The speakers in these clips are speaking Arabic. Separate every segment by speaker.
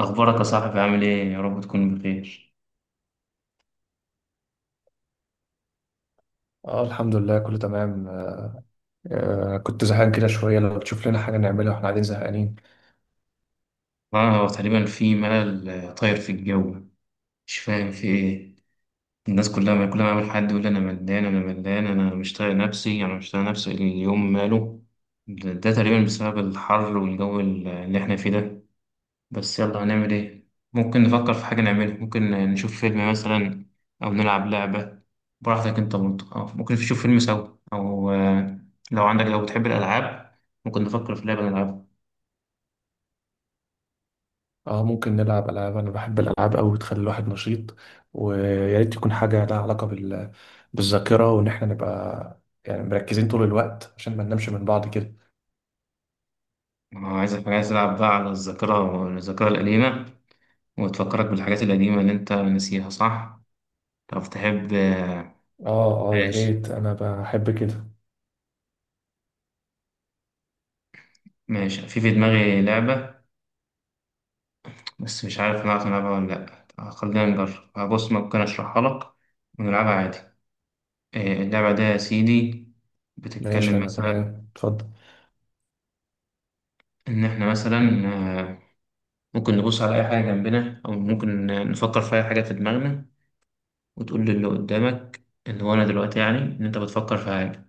Speaker 1: أخبارك يا صاحبي عامل إيه؟ يا رب تكون بخير.
Speaker 2: اه، الحمد لله كله تمام. كنت زهقان كده شوية. لو تشوف لنا حاجة نعملها واحنا قاعدين زهقانين.
Speaker 1: هو تقريبا في ملل، طاير في الجو. مش فاهم في إيه. الناس كلها، ما كل ما أقابل حد يقول أنا ملان أنا ملان أنا مش طايق نفسي أنا مش طايق نفسي، اليوم ماله. ده تقريبا بسبب الحر والجو اللي إحنا فيه ده. بس يلا هنعمل إيه؟ ممكن نفكر في حاجة نعملها، ممكن نشوف فيلم مثلا أو نلعب لعبة. براحتك أنت برضه، أو ممكن نشوف فيلم سوا أو لو بتحب الألعاب، ممكن نفكر في لعبة نلعبها.
Speaker 2: اه، ممكن نلعب ألعاب. أنا بحب الألعاب أوي، بتخلي الواحد نشيط. ويا ريت تكون حاجة لها علاقة بالذاكرة، وإن احنا نبقى يعني مركزين طول الوقت عشان ما ننامش من بعض كده.
Speaker 1: أنا عايزك، عايز تلعب بقى على الذاكرة القديمة، وتفكرك بالحاجات القديمة اللي أنت ناسيها، صح؟ طب تحب.
Speaker 2: اه، يا
Speaker 1: ماشي.
Speaker 2: ريت، أنا بحب كده.
Speaker 1: ماشي، في دماغي لعبة، بس مش عارف نعرف نلعبها ولا لأ. طب خلينا نجرب، بص ممكن أشرحها لك ونلعبها عادي. إيه، اللعبة دي يا سيدي
Speaker 2: ماشي،
Speaker 1: بتتكلم
Speaker 2: أنا
Speaker 1: مثلا،
Speaker 2: تمام، اتفضل.
Speaker 1: إن إحنا مثلا آه، ممكن نبص على أي حاجة جنبنا، أو ممكن نفكر في أي حاجة في دماغنا، وتقول للي قدامك، اللي هو أنا دلوقتي، يعني إن أنت بتفكر في حاجة.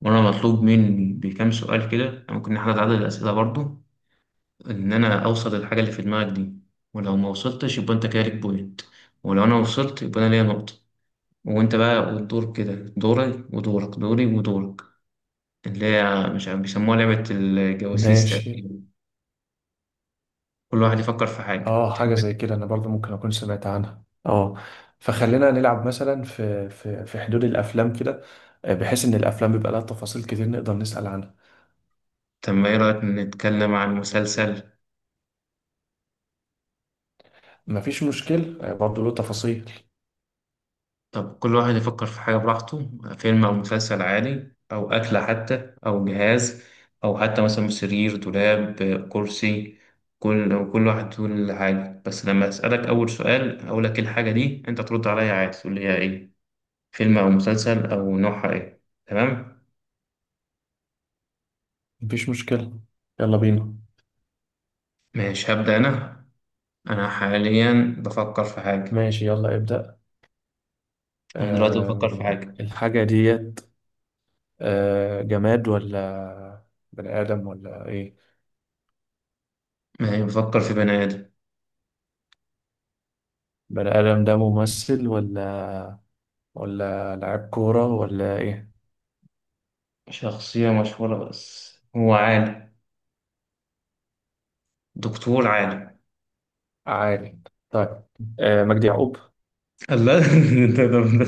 Speaker 1: وانا مطلوب مني بكام سؤال كده، يعني ممكن نحاول عدد الاسئله برضو، ان انا اوصل للحاجه اللي في دماغك دي. ولو ما وصلتش يبقى انت كده ليك بوينت، ولو انا وصلت يبقى انا ليا نقطه. وانت بقى، والدور كده دوري ودورك، دوري ودورك، اللي هي مش عارف بيسموها لعبه الجواسيس
Speaker 2: ماشي.
Speaker 1: تقريبا. كل واحد يفكر في حاجه
Speaker 2: اه، حاجة
Speaker 1: تحب.
Speaker 2: زي كده انا برضو ممكن اكون سمعت عنها، اه. فخلينا نلعب مثلا في حدود الافلام كده. بحيث ان الافلام بيبقى لها تفاصيل كتير نقدر نسأل عنها.
Speaker 1: طب ما ايه رايك نتكلم عن مسلسل؟
Speaker 2: مفيش مشكل، برضو له تفاصيل.
Speaker 1: طب كل واحد يفكر في حاجة براحته، فيلم أو مسلسل عادي، أو أكلة حتى، أو جهاز، أو حتى مثلا سرير، دولاب، كرسي. كل واحد يقول حاجة، بس لما أسألك أول سؤال أقول لك إيه الحاجة دي أنت ترد عليا عادي تقول لي هي إيه، فيلم أو مسلسل أو نوعها إيه. تمام.
Speaker 2: مفيش مشكلة، يلا بينا.
Speaker 1: ماشي هبدأ أنا. أنا حاليا بفكر في حاجة.
Speaker 2: ماشي، يلا ابدأ.
Speaker 1: أنا دلوقتي بفكر
Speaker 2: آه.
Speaker 1: في حاجة.
Speaker 2: الحاجة ديت جماد ولا بني آدم ولا ايه؟
Speaker 1: ما هي بفكر في بني آدم،
Speaker 2: بني آدم ده ممثل ولا، ولا لاعب كورة ولا ايه؟
Speaker 1: شخصية مشهورة بس هو عالم، دكتور عالم.
Speaker 2: عادي، طيب. آه، مجدي يعقوب.
Speaker 1: الله ده ده- ده-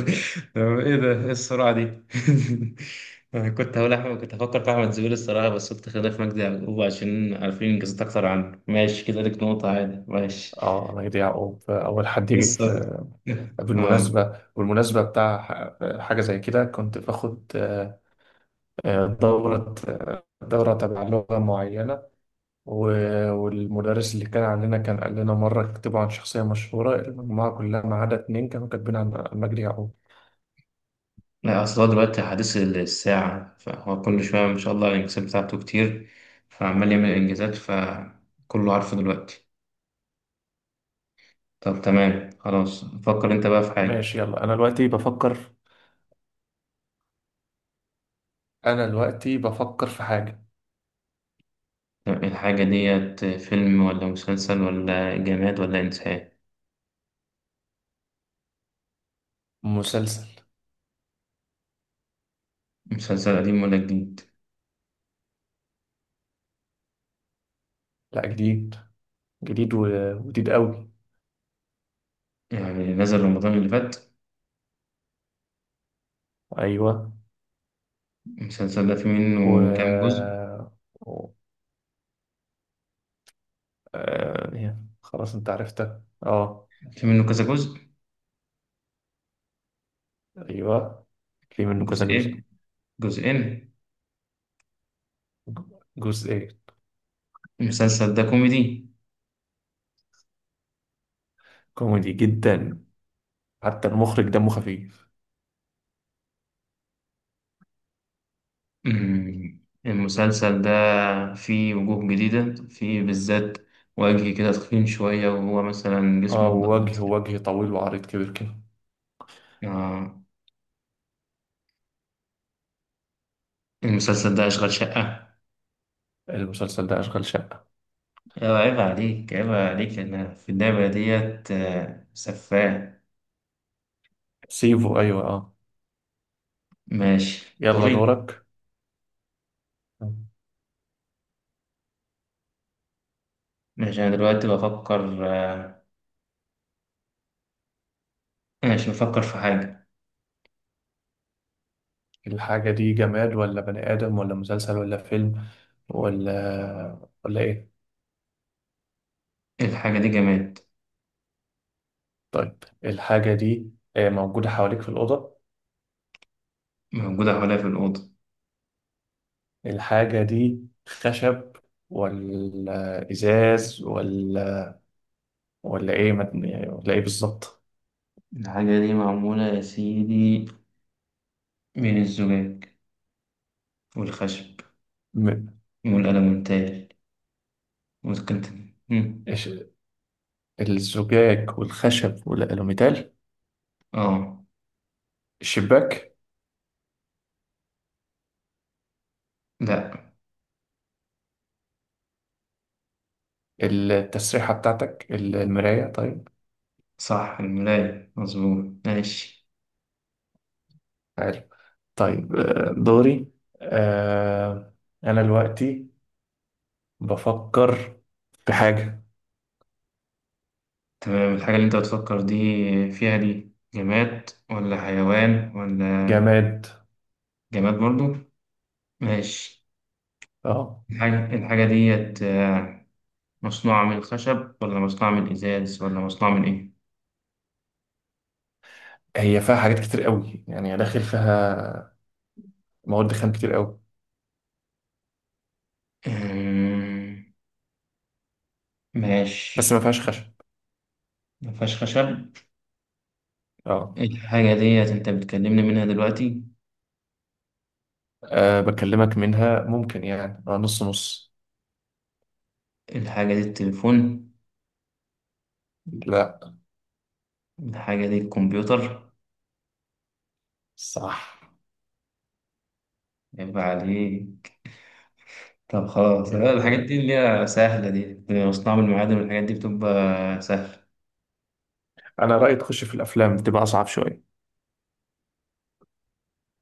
Speaker 1: ده ايه السرعة دي أنا كنت هقول أحمد، كنت هفكر في أحمد زويل الصراحة، بس قلت خلينا في مجدي يعقوب عشان عارفين إنجازات أكتر عنه. ماشي، كده ليك نقطة عادي. ماشي.
Speaker 2: اه، انا يضيع او اول حد يجي
Speaker 1: لسه.
Speaker 2: في.
Speaker 1: آه
Speaker 2: بالمناسبه بتاع حاجه زي كده، كنت باخد دوره، دوره تبع لغه معينه. والمدرس اللي كان عندنا كان قال لنا مره: اكتبوا عن شخصيه مشهوره. المجموعه كلها ما عدا اتنين كانوا كاتبين عن مجدي يعقوب.
Speaker 1: لا أصل هو دلوقتي حديث الساعة، فهو كل شوية ما شاء الله الإنجازات بتاعته كتير، فعمال يعمل إنجازات فكله عارفه دلوقتي. طب تمام خلاص، فكر أنت بقى في حاجة.
Speaker 2: ماشي، يلا انا دلوقتي بفكر. انا دلوقتي بفكر في حاجه.
Speaker 1: الحاجة ديت فيلم ولا مسلسل ولا جماد ولا إنسان؟
Speaker 2: مسلسل.
Speaker 1: مسلسل قديم ولا جديد؟
Speaker 2: لا، جديد. جديد و- وجديد قوي.
Speaker 1: يعني نزل رمضان اللي فات؟
Speaker 2: ايوه.
Speaker 1: المسلسل ده في منه كام جزء؟
Speaker 2: و، آه يعني خلاص انت عرفتها، اه.
Speaker 1: في منه كذا جزء.
Speaker 2: ايوه، في منه كذا
Speaker 1: جزئين.
Speaker 2: جزء.
Speaker 1: جزئين.
Speaker 2: جزء ايه؟
Speaker 1: المسلسل ده كوميدي.
Speaker 2: كوميدي جدا، حتى المخرج دمه خفيف.
Speaker 1: أمم، المسلسل ده فيه وجوه جديدة، فيه بالذات وجه كده تخين شوية، وهو مثلا جسمه
Speaker 2: اه،
Speaker 1: اتضرب.
Speaker 2: وجه طويل وعريض كبير كده.
Speaker 1: آه، المسلسل ده أشغال شقة.
Speaker 2: المسلسل ده اشغال شقة.
Speaker 1: أيوة، عيب عليك عيب عليك، أنا في اللعبة ديت، سفاه.
Speaker 2: سيفو، ايوه اه.
Speaker 1: ماشي
Speaker 2: يلا
Speaker 1: دوري.
Speaker 2: دورك.
Speaker 1: ماشي أنا دلوقتي بفكر، ماشي نفكر في حاجة.
Speaker 2: الحاجة دي جماد ولا بني آدم ولا مسلسل ولا فيلم، ولا ايه؟
Speaker 1: الحاجة دي جماد.
Speaker 2: طيب، الحاجة دي موجودة حواليك في الأوضة.
Speaker 1: موجودة حواليا في الأوضة.
Speaker 2: الحاجة دي خشب ولا إزاز ولا إيه يعني، ولا إيه بالظبط؟
Speaker 1: الحاجة دي معمولة يا سيدي من الزجاج والخشب
Speaker 2: م-
Speaker 1: والألمنتال. ممكن تن- مم.
Speaker 2: إيش- الزجاج والخشب والألوميتال؟
Speaker 1: اه
Speaker 2: الشباك.
Speaker 1: لا.
Speaker 2: التسريحة بتاعتك، المراية. طيب،
Speaker 1: صح، الملاية مظبوط. ماشي.
Speaker 2: حلو. طيب، دوري. آه، أنا دلوقتي بفكر في حاجة.
Speaker 1: تمام، الحاجة اللي انت بتفكر دي فيها دي جماد ولا حيوان ولا؟
Speaker 2: جماد.
Speaker 1: جماد برضو. ماشي،
Speaker 2: اه،
Speaker 1: الحاجة ديت مصنوعة من الخشب ولا مصنوعة من الإزاز ولا مصنوعة من إيه؟
Speaker 2: هي فيها حاجات كتير قوي يعني، داخل فيها مواد خام كتير قوي.
Speaker 1: آه،
Speaker 2: بس ما
Speaker 1: ماشي.
Speaker 2: فيهاش خشب.
Speaker 1: مفيهاش خشب.
Speaker 2: اه.
Speaker 1: الحاجة ديت انت بتكلمني منها دلوقتي؟
Speaker 2: أه بكلمك منها ممكن يعني، أه نص نص.
Speaker 1: الحاجة دي التليفون؟
Speaker 2: لا.
Speaker 1: الحاجة دي الكمبيوتر؟
Speaker 2: صح.
Speaker 1: يبقى عليه. طب خلاص، لا،
Speaker 2: يا
Speaker 1: الحاجات
Speaker 2: ولد،
Speaker 1: دي اللي هي سهلة دي مصنوعة من المعادن والحاجات دي بتبقى سهلة.
Speaker 2: أنا رأيي تخش في الأفلام، بتبقى أصعب شوية.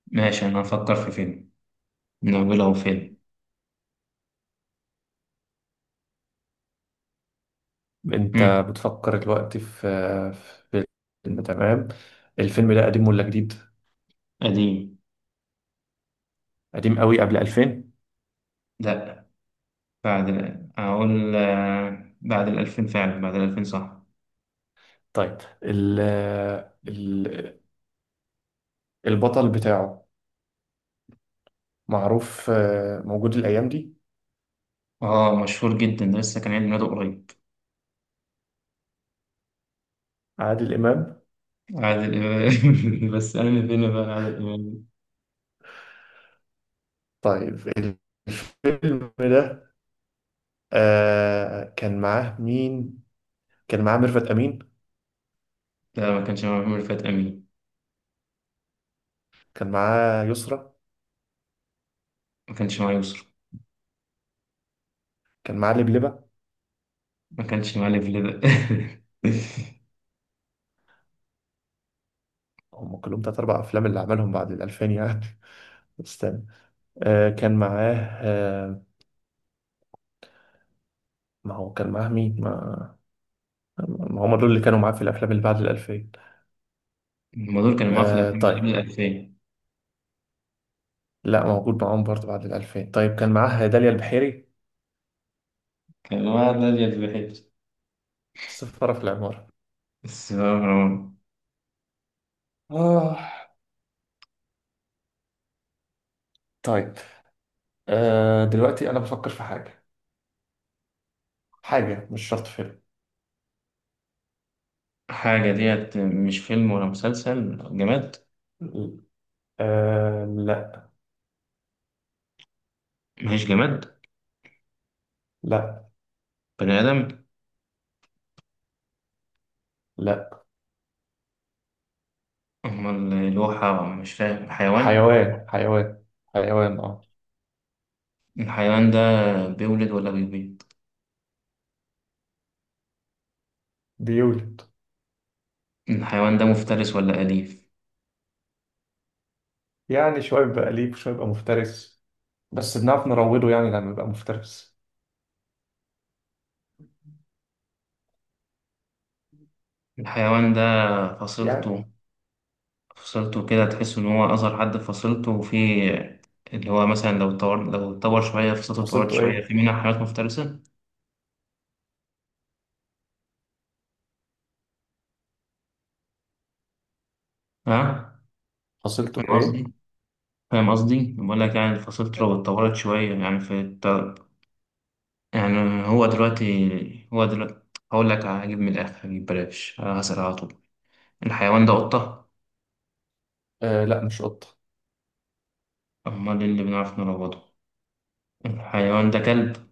Speaker 1: ماشي، أنا هفكر في فيلم. نقول أهو فيلم. مم.
Speaker 2: أنت بتفكر دلوقتي في فيلم، تمام. الفيلم ده قديم ولا جديد؟
Speaker 1: قديم.
Speaker 2: قديم قوي، قبل 2000.
Speaker 1: لأ، أقول، بعد الألفين، فعلا بعد الألفين صح.
Speaker 2: طيب، ال ال البطل بتاعه معروف، موجود الأيام دي.
Speaker 1: اه مشهور جدا ده، لسه كان عيد ميلاده قريب.
Speaker 2: عادل إمام.
Speaker 1: عادل إمام بس أنا فين بقى عادل إمام.
Speaker 2: طيب، الفيلم ده كان معاه مين؟ كان معاه ميرفت أمين.
Speaker 1: لا ما كانش معاه محمود، رفعت أمين.
Speaker 2: كان معاه يسرى.
Speaker 1: ما كانش معاه يسرا.
Speaker 2: كان معاه لبلبة.
Speaker 1: ما كانش معاه ليفل ده.
Speaker 2: هم كلهم تلات أربع أفلام اللي عملهم بعد الألفين يعني. استنى. آه كان معاه، آه. ما هو كان معاه مين؟ ما هم دول اللي كانوا معاه في الأفلام اللي بعد الألفين.
Speaker 1: هما دول كانوا معاه في
Speaker 2: آه،
Speaker 1: الأفلام اللي قبل
Speaker 2: طيب.
Speaker 1: الألفية.
Speaker 2: لا، موجود معاهم برضه بعد الألفين. طيب، كان معاه داليا البحيري.
Speaker 1: كان معاه نادية البحيث.
Speaker 2: السفارة في العمارة.
Speaker 1: بس بقى مروان.
Speaker 2: آه. طيب، آه دلوقتي أنا بفكر في حاجة، حاجة مش شرط فيلم.
Speaker 1: حاجة ديت مش فيلم ولا مسلسل جماد؟
Speaker 2: آه لا.
Speaker 1: ماهيش جماد.
Speaker 2: لا.
Speaker 1: بني آدم؟
Speaker 2: لا.
Speaker 1: أمال الواحة مش فاهم، حيوان؟
Speaker 2: حيوان حيوان، اه.
Speaker 1: الحيوان ده بيولد ولا بيبيض؟
Speaker 2: بيولد.
Speaker 1: الحيوان ده مفترس ولا أليف؟
Speaker 2: يعني شوية بيبقى أليف وشوية بيبقى مفترس، بس بنعرف نروضه يعني لما يبقى مفترس.
Speaker 1: الحيوان ده
Speaker 2: يعني،
Speaker 1: فصيلته، فصلته كده تحس إن هو أصغر حد في فصلته، وفي اللي هو مثلا لو اتطور شوية فصلته اتطورت
Speaker 2: فصيلته
Speaker 1: شوية،
Speaker 2: إيه؟
Speaker 1: في منها حيوانات مفترسة. ها؟
Speaker 2: فصيلته
Speaker 1: فاهم
Speaker 2: إيه؟
Speaker 1: قصدي؟ فاهم قصدي؟ بقول لك يعني فصلته لو اتطورت شوية يعني في الت-. يعني هو دلوقتي، هقول لك، هجيب من الآخر هجيب بلاش هسأل على طول. الحيوان ده قطة؟
Speaker 2: آه لا، مش قطة.
Speaker 1: أمال إيه اللي بنعرف نروضه؟ الحيوان ده كلب؟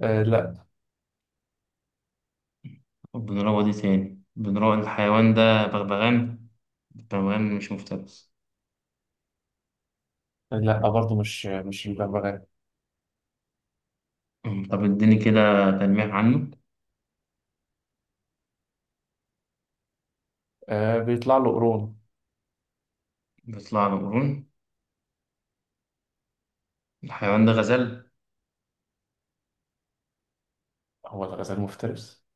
Speaker 2: آه لا.
Speaker 1: وبنروض إيه تاني؟ بنروض الحيوان ده بغبغان. البغبغان مش مفترس.
Speaker 2: لا برضه، مش الببغاء.
Speaker 1: طب اديني كده تلميح عنه.
Speaker 2: آه، بيطلع له قرون.
Speaker 1: بيطلع له قرون. الحيوان ده غزال؟
Speaker 2: هو الغزال مفترس؟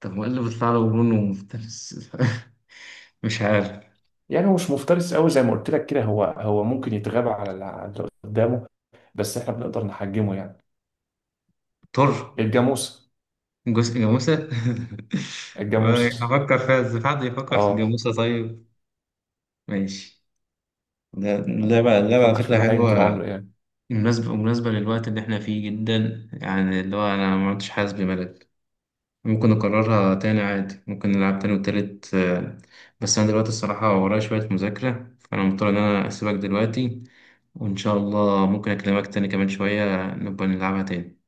Speaker 1: طب هو ايه اللي بيطلع له قرون ومفترس؟ مش عارف.
Speaker 2: يعني، هو مش مفترس قوي زي ما قلت لك كده، هو ممكن يتغاب على على اللي قدامه، بس احنا بنقدر نحجمه يعني.
Speaker 1: طر.
Speaker 2: الجاموس.
Speaker 1: جزء، جاموسة
Speaker 2: الجاموس،
Speaker 1: هفكر فيها ازاي، في حد يفكر في
Speaker 2: اه.
Speaker 1: الجاموسة؟ طيب. ماشي. ده اللعبة،
Speaker 2: آه،
Speaker 1: اللعبة على
Speaker 2: فكر في
Speaker 1: فكرة
Speaker 2: بهايم طول
Speaker 1: حلوة.
Speaker 2: عمري.
Speaker 1: مناسبة للوقت اللي احنا فيه جدا يعني، اللي هو أنا ما عدتش حاسس بملل. ممكن نكررها تاني عادي، ممكن نلعب تاني وتالت، بس أنا دلوقتي الصراحة ورايا شوية مذاكرة فأنا مضطر إن أنا أسيبك دلوقتي، وإن شاء الله ممكن أكلمك تاني كمان شوية نبقى نلعبها تاني.